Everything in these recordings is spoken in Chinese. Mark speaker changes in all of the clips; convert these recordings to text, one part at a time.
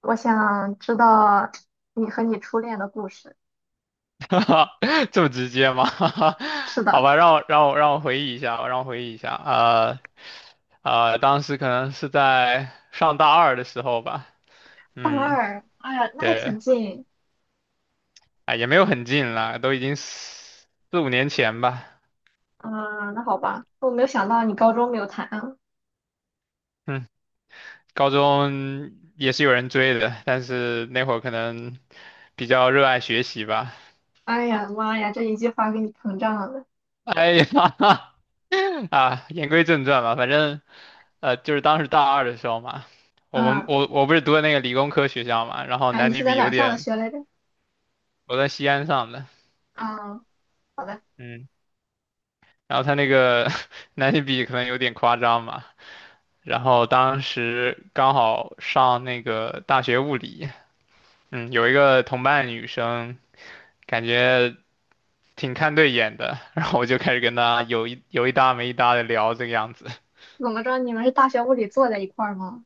Speaker 1: 我想知道你和你初恋的故事。
Speaker 2: 哈哈，这么直接吗？
Speaker 1: 是
Speaker 2: 好
Speaker 1: 的，
Speaker 2: 吧，让我回忆一下，让我回忆一下。当时可能是在上大二的时候吧。
Speaker 1: 大
Speaker 2: 嗯，
Speaker 1: 二，哎呀，那还
Speaker 2: 对，
Speaker 1: 挺近。
Speaker 2: 哎，也没有很近了，都已经四五年前吧。
Speaker 1: 嗯，那好吧，我没有想到你高中没有谈啊。
Speaker 2: 嗯，高中也是有人追的，但是那会儿可能比较热爱学习吧。
Speaker 1: 哎呀妈呀，这一句话给你膨胀了。
Speaker 2: 哎呀，啊，言归正传吧，反正就是当时大二的时候嘛，我们
Speaker 1: 嗯，
Speaker 2: 我我不是读的那个理工科学校嘛，然后
Speaker 1: 哎，
Speaker 2: 男
Speaker 1: 你
Speaker 2: 女
Speaker 1: 是在
Speaker 2: 比
Speaker 1: 哪
Speaker 2: 有
Speaker 1: 儿上的
Speaker 2: 点，
Speaker 1: 学来着？
Speaker 2: 我在西安上的。
Speaker 1: 啊，好的。
Speaker 2: 嗯，然后他那个 男女比可能有点夸张嘛，然后当时刚好上那个大学物理，嗯，有一个同班的女生，感觉挺看对眼的，然后我就开始跟她有一搭没一搭的聊这个样子。
Speaker 1: 怎么着，你们是大学物理坐在一块儿吗？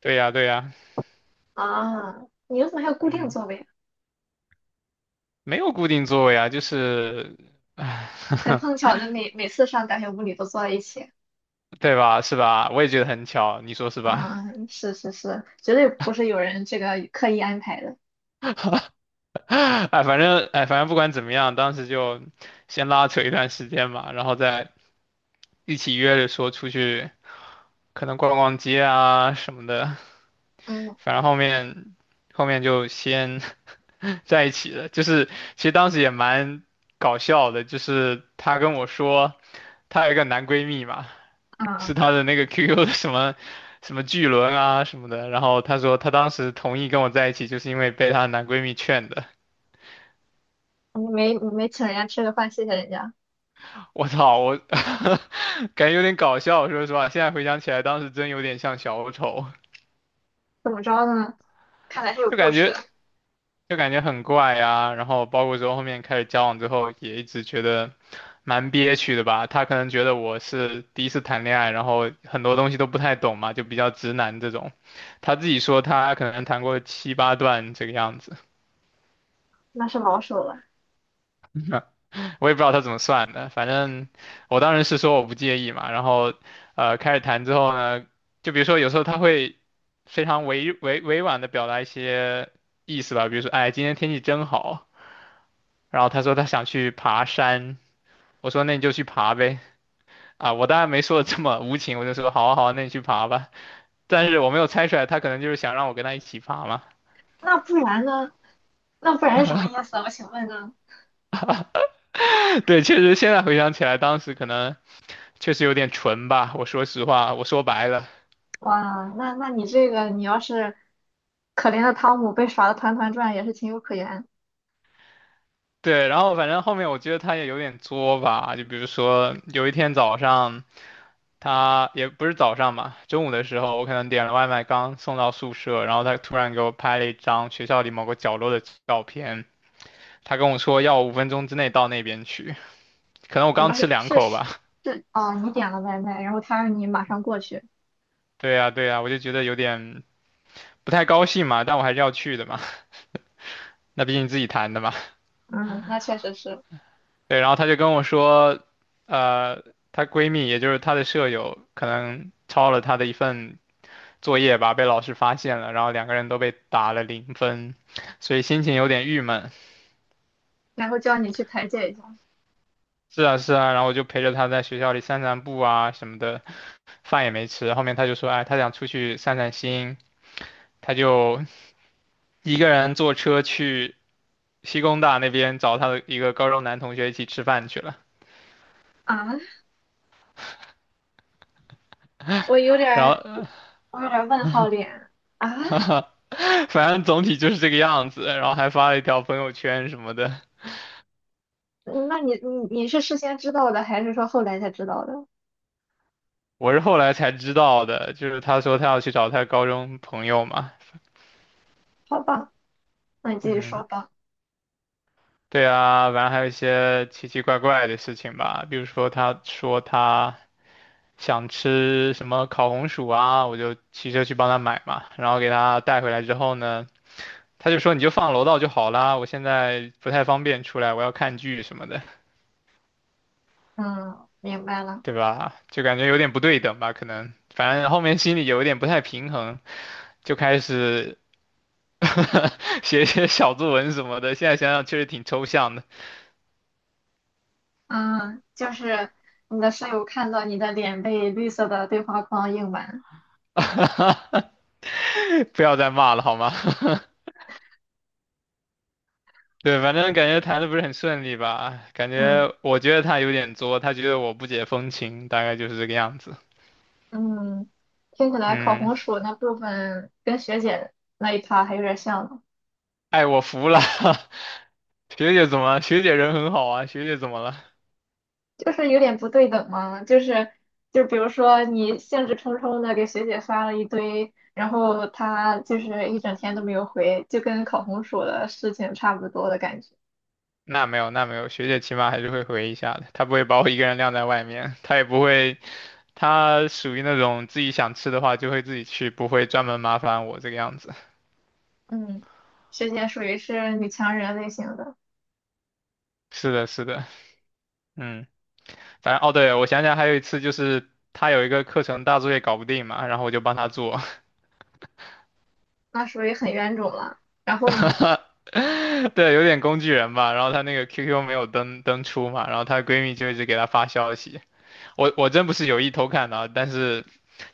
Speaker 2: 对呀对呀，
Speaker 1: 啊，你们怎么还有固定
Speaker 2: 嗯，
Speaker 1: 座位啊。
Speaker 2: 没有固定座位啊，就是，唉。
Speaker 1: 很碰 巧的每次上大学物理都坐在一起。
Speaker 2: 对吧？是吧？我也觉得很巧，你说是吧？
Speaker 1: 啊，是是是，绝对不是有人这个刻意安排的。
Speaker 2: 哎，反正哎，反正不管怎么样，当时就先拉扯一段时间嘛，然后再一起约着说出去，可能逛逛街啊什么的。
Speaker 1: 嗯。
Speaker 2: 反正后面就先 在一起了，就是其实当时也蛮搞笑的，就是她跟我说她有一个男闺蜜嘛，是
Speaker 1: 啊。
Speaker 2: 他的那个 QQ 的什么什么巨轮啊什么的，然后她说她当时同意跟我在一起，就是因为被她的男闺蜜劝的。
Speaker 1: 你没请人家吃个饭，谢谢人家，
Speaker 2: 我操，我 感觉有点搞笑，说实话，现在回想起来，当时真有点像小丑，
Speaker 1: 怎么着呢？看来是有
Speaker 2: 就
Speaker 1: 故
Speaker 2: 感
Speaker 1: 事的，
Speaker 2: 觉就感觉很怪啊。然后包括说后面开始交往之后，也一直觉得蛮憋屈的吧。他可能觉得我是第一次谈恋爱，然后很多东西都不太懂嘛，就比较直男这种。他自己说他可能谈过七八段这个样子。
Speaker 1: 那是老手了。
Speaker 2: 我也不知道他怎么算的，反正我当时是说我不介意嘛，然后开始谈之后呢，就比如说有时候他会非常委婉的表达一些意思吧，比如说哎今天天气真好，然后他说他想去爬山，我说那你就去爬呗，啊我当然没说的这么无情，我就说好啊好啊，那你去爬吧，但是我没有猜出来他可能就是想让我跟他一起爬嘛。
Speaker 1: 那不然呢？那不然是什么意思啊我请问呢？
Speaker 2: 对，确实现在回想起来当时可能确实有点蠢吧，我说实话，我说白了。
Speaker 1: 哇，那你这个，你要是可怜的汤姆被耍的团团转，也是情有可原。
Speaker 2: 对，然后反正后面我觉得他也有点作吧，就比如说有一天早上，他也不是早上嘛，中午的时候我可能点了外卖，刚送到宿舍，然后他突然给我拍了一张学校里某个角落的照片，他跟我说要我5分钟之内到那边去，可能我
Speaker 1: 什
Speaker 2: 刚
Speaker 1: 么
Speaker 2: 吃
Speaker 1: 是
Speaker 2: 两
Speaker 1: 是
Speaker 2: 口
Speaker 1: 是？
Speaker 2: 吧。
Speaker 1: 是哦，你点了外卖，然后他让你马上过去。
Speaker 2: 对呀，对呀，我就觉得有点不太高兴嘛，但我还是要去的嘛，那毕竟自己谈的嘛。
Speaker 1: 嗯，那确实是，
Speaker 2: 对，然后他就跟我说，呃，她闺蜜也就是她的舍友可能抄了她的一份作业吧，被老师发现了，然后两个人都被打了0分，所以心情有点郁闷。
Speaker 1: 然后叫你去排解一下。
Speaker 2: 是啊，是啊，然后我就陪着他在学校里散散步啊什么的，饭也没吃。后面他就说，哎，他想出去散散心，他就一个人坐车去西工大那边找他的一个高中男同学一起吃饭去了。
Speaker 1: 啊，我有点
Speaker 2: 然
Speaker 1: 儿，我
Speaker 2: 后，
Speaker 1: 有点儿问号脸啊。
Speaker 2: 反正总体就是这个样子，然后还发了一条朋友圈什么的。
Speaker 1: 那你是事先知道的，还是说后来才知道的？
Speaker 2: 我是后来才知道的，就是他说他要去找他高中朋友嘛。
Speaker 1: 好吧，那你继续说
Speaker 2: 嗯，
Speaker 1: 吧。
Speaker 2: 对啊，然后还有一些奇奇怪怪的事情吧，比如说他说他想吃什么烤红薯啊，我就骑车去帮他买嘛，然后给他带回来之后呢，他就说你就放楼道就好啦，我现在不太方便出来，我要看剧什么的。
Speaker 1: 嗯，明白了。
Speaker 2: 对吧？就感觉有点不对等吧，可能反正后面心里有一点不太平衡，就开始 写一些小作文什么的，现在想想确实挺抽象的。
Speaker 1: 嗯，就是你的室友看到你的脸被绿色的对话框映满。
Speaker 2: 不要再骂了好吗？对，反正感觉谈的不是很顺利吧，感
Speaker 1: 嗯
Speaker 2: 觉我觉得他有点作，他觉得我不解风情，大概就是这个样子。
Speaker 1: 嗯，听起来烤
Speaker 2: 嗯，
Speaker 1: 红薯那部分跟学姐那一趴还有点像呢，
Speaker 2: 哎，我服了。学姐怎么了？学姐人很好啊，学姐怎么了？
Speaker 1: 就是有点不对等嘛。就是就比如说你兴致冲冲的给学姐发了一堆，然后她就是一整天都没有回，就跟烤红薯的事情差不多的感觉。
Speaker 2: 那没有，那没有，学姐起码还是会回一下的，她不会把我一个人晾在外面，她也不会，她属于那种自己想吃的话就会自己去，不会专门麻烦我这个样子。
Speaker 1: 嗯，学姐属于是女强人类型的。
Speaker 2: 是的，是的，嗯，反正哦，对，我想想还有一次就是他有一个课程大作业搞不定嘛，然后我就帮他做。
Speaker 1: 那属于很冤种了。然后呢？
Speaker 2: 对，有点工具人吧。然后她那个 QQ 没有登出嘛，然后她闺蜜就一直给她发消息。我我真不是有意偷看的啊，但是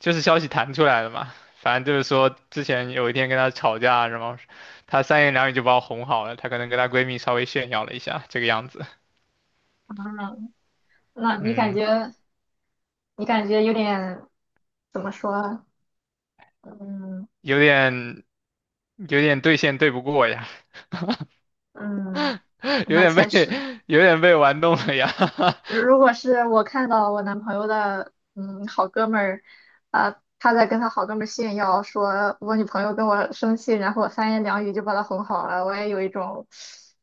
Speaker 2: 就是消息弹出来了嘛。反正就是说，之前有一天跟她吵架，然后她三言两语就把我哄好了。她可能跟她闺蜜稍微炫耀了一下，这个样子。
Speaker 1: 那你感
Speaker 2: 嗯，
Speaker 1: 觉你感觉有点怎么说？嗯
Speaker 2: 有点有点对线对不过呀。
Speaker 1: 嗯，
Speaker 2: 有
Speaker 1: 那
Speaker 2: 点
Speaker 1: 确
Speaker 2: 被
Speaker 1: 实，
Speaker 2: 有点被玩弄了呀。
Speaker 1: 如果是我看到我男朋友的好哥们儿，啊，他在跟他好哥们儿炫耀说我女朋友跟我生气，然后我三言两语就把她哄好了，我也有一种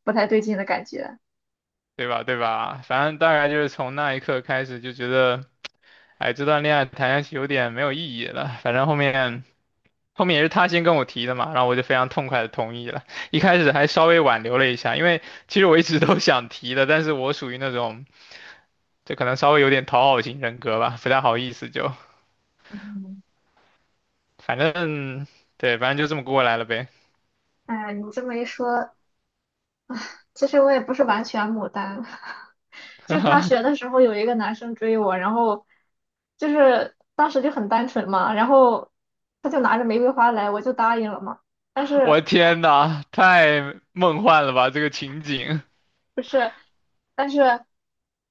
Speaker 1: 不太对劲的感觉。
Speaker 2: 对吧？对吧？反正大概就是从那一刻开始就觉得，哎，这段恋爱谈下去有点没有意义了。反正后面也是他先跟我提的嘛，然后我就非常痛快的同意了。一开始还稍微挽留了一下，因为其实我一直都想提的，但是我属于那种就可能稍微有点讨好型人格吧，不太好意思就，
Speaker 1: 嗯，
Speaker 2: 反正对，反正就这么过来了呗。
Speaker 1: 哎，你这么一说，其实我也不是完全牡丹，就大学的时候有一个男生追我，然后就是当时就很单纯嘛，然后他就拿着玫瑰花来，我就答应了嘛。但
Speaker 2: 我
Speaker 1: 是
Speaker 2: 的天呐，太梦幻了吧这个情景。
Speaker 1: 不是，但是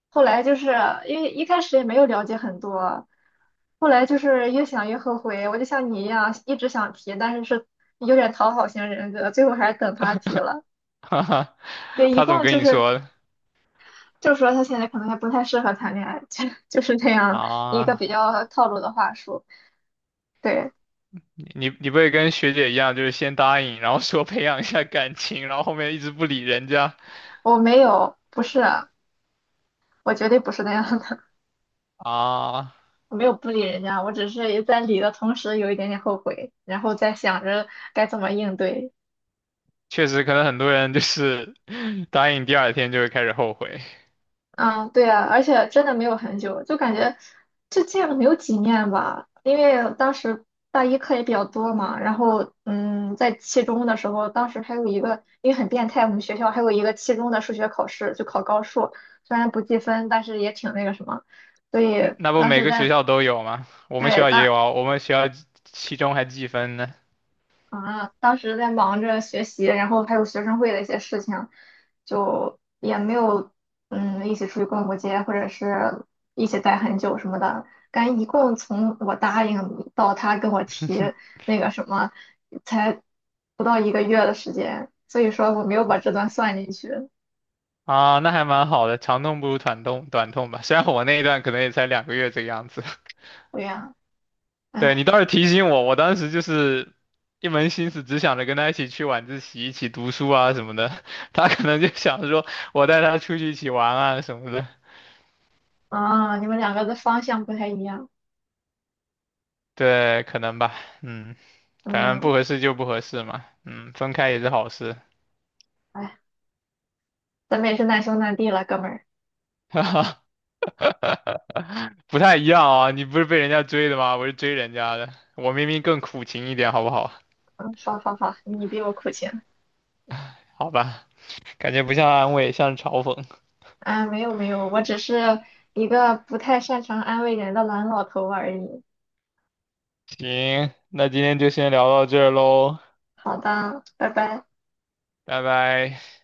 Speaker 1: 后来就是因为一开始也没有了解很多，后来就是越想越后悔，我就像你一样一直想提，但是有点讨好型人格，最后还是等他提了。
Speaker 2: 哈哈，
Speaker 1: 对，一
Speaker 2: 他怎么
Speaker 1: 共
Speaker 2: 跟
Speaker 1: 就
Speaker 2: 你
Speaker 1: 是
Speaker 2: 说的
Speaker 1: 就是说他现在可能还不太适合谈恋爱，就是这样一个
Speaker 2: 啊？
Speaker 1: 比较套路的话术。对，
Speaker 2: 你你不会跟学姐一样，就是先答应，然后说培养一下感情，然后后面一直不理人家
Speaker 1: 我没有，不是，我绝对不是那样的，
Speaker 2: 啊？
Speaker 1: 我没有不理人家，我只是在理的同时有一点点后悔，然后在想着该怎么应对。
Speaker 2: 确实，可能很多人就是 答应第二天就会开始后悔。
Speaker 1: 啊，对啊，而且真的没有很久，就感觉就见了没有几面吧。因为当时大一课也比较多嘛，然后在期中的时候，当时还有一个，因为很变态，我们学校还有一个期中的数学考试，就考高数，虽然不计分，但是也挺那个什么，所
Speaker 2: 嗯
Speaker 1: 以
Speaker 2: 那不
Speaker 1: 当
Speaker 2: 每
Speaker 1: 时
Speaker 2: 个学
Speaker 1: 在。
Speaker 2: 校都有吗？我们学
Speaker 1: 对，
Speaker 2: 校也有啊，我们学校期中还计分呢。
Speaker 1: 当时在忙着学习，然后还有学生会的一些事情，就也没有一起出去逛过街，或者是一起待很久什么的。感觉一共从我答应到他跟我提 那个什么，才不到一个月的时间，所以说我没有把这段算进去。
Speaker 2: 啊，那还蛮好的，长痛不如短痛，短痛吧。虽然我那一段可能也才2个月这个样子。
Speaker 1: 对呀，哎，
Speaker 2: 对，你倒是提醒我，我当时就是一门心思只想着跟他一起去晚自习、一起读书啊什么的。他可能就想着说我带他出去一起玩啊什么的。
Speaker 1: 啊，你们两个的方向不太一样。
Speaker 2: 对，可能吧，嗯，反正不
Speaker 1: 嗯，
Speaker 2: 合适就不合适嘛，嗯，分开也是好事。
Speaker 1: 哎，咱们也是难兄难弟了，哥们儿。
Speaker 2: 哈哈，不太一样啊，你不是被人家追的吗？我是追人家的，我明明更苦情一点，好不好？
Speaker 1: 嗯，好好好，你比我苦情。
Speaker 2: 好吧，感觉不像安慰，像是嘲讽。
Speaker 1: 啊，没有没有，我只是一个不太擅长安慰人的懒老头而已。
Speaker 2: 行，那今天就先聊到这儿喽，
Speaker 1: 好的，拜拜。
Speaker 2: 拜拜。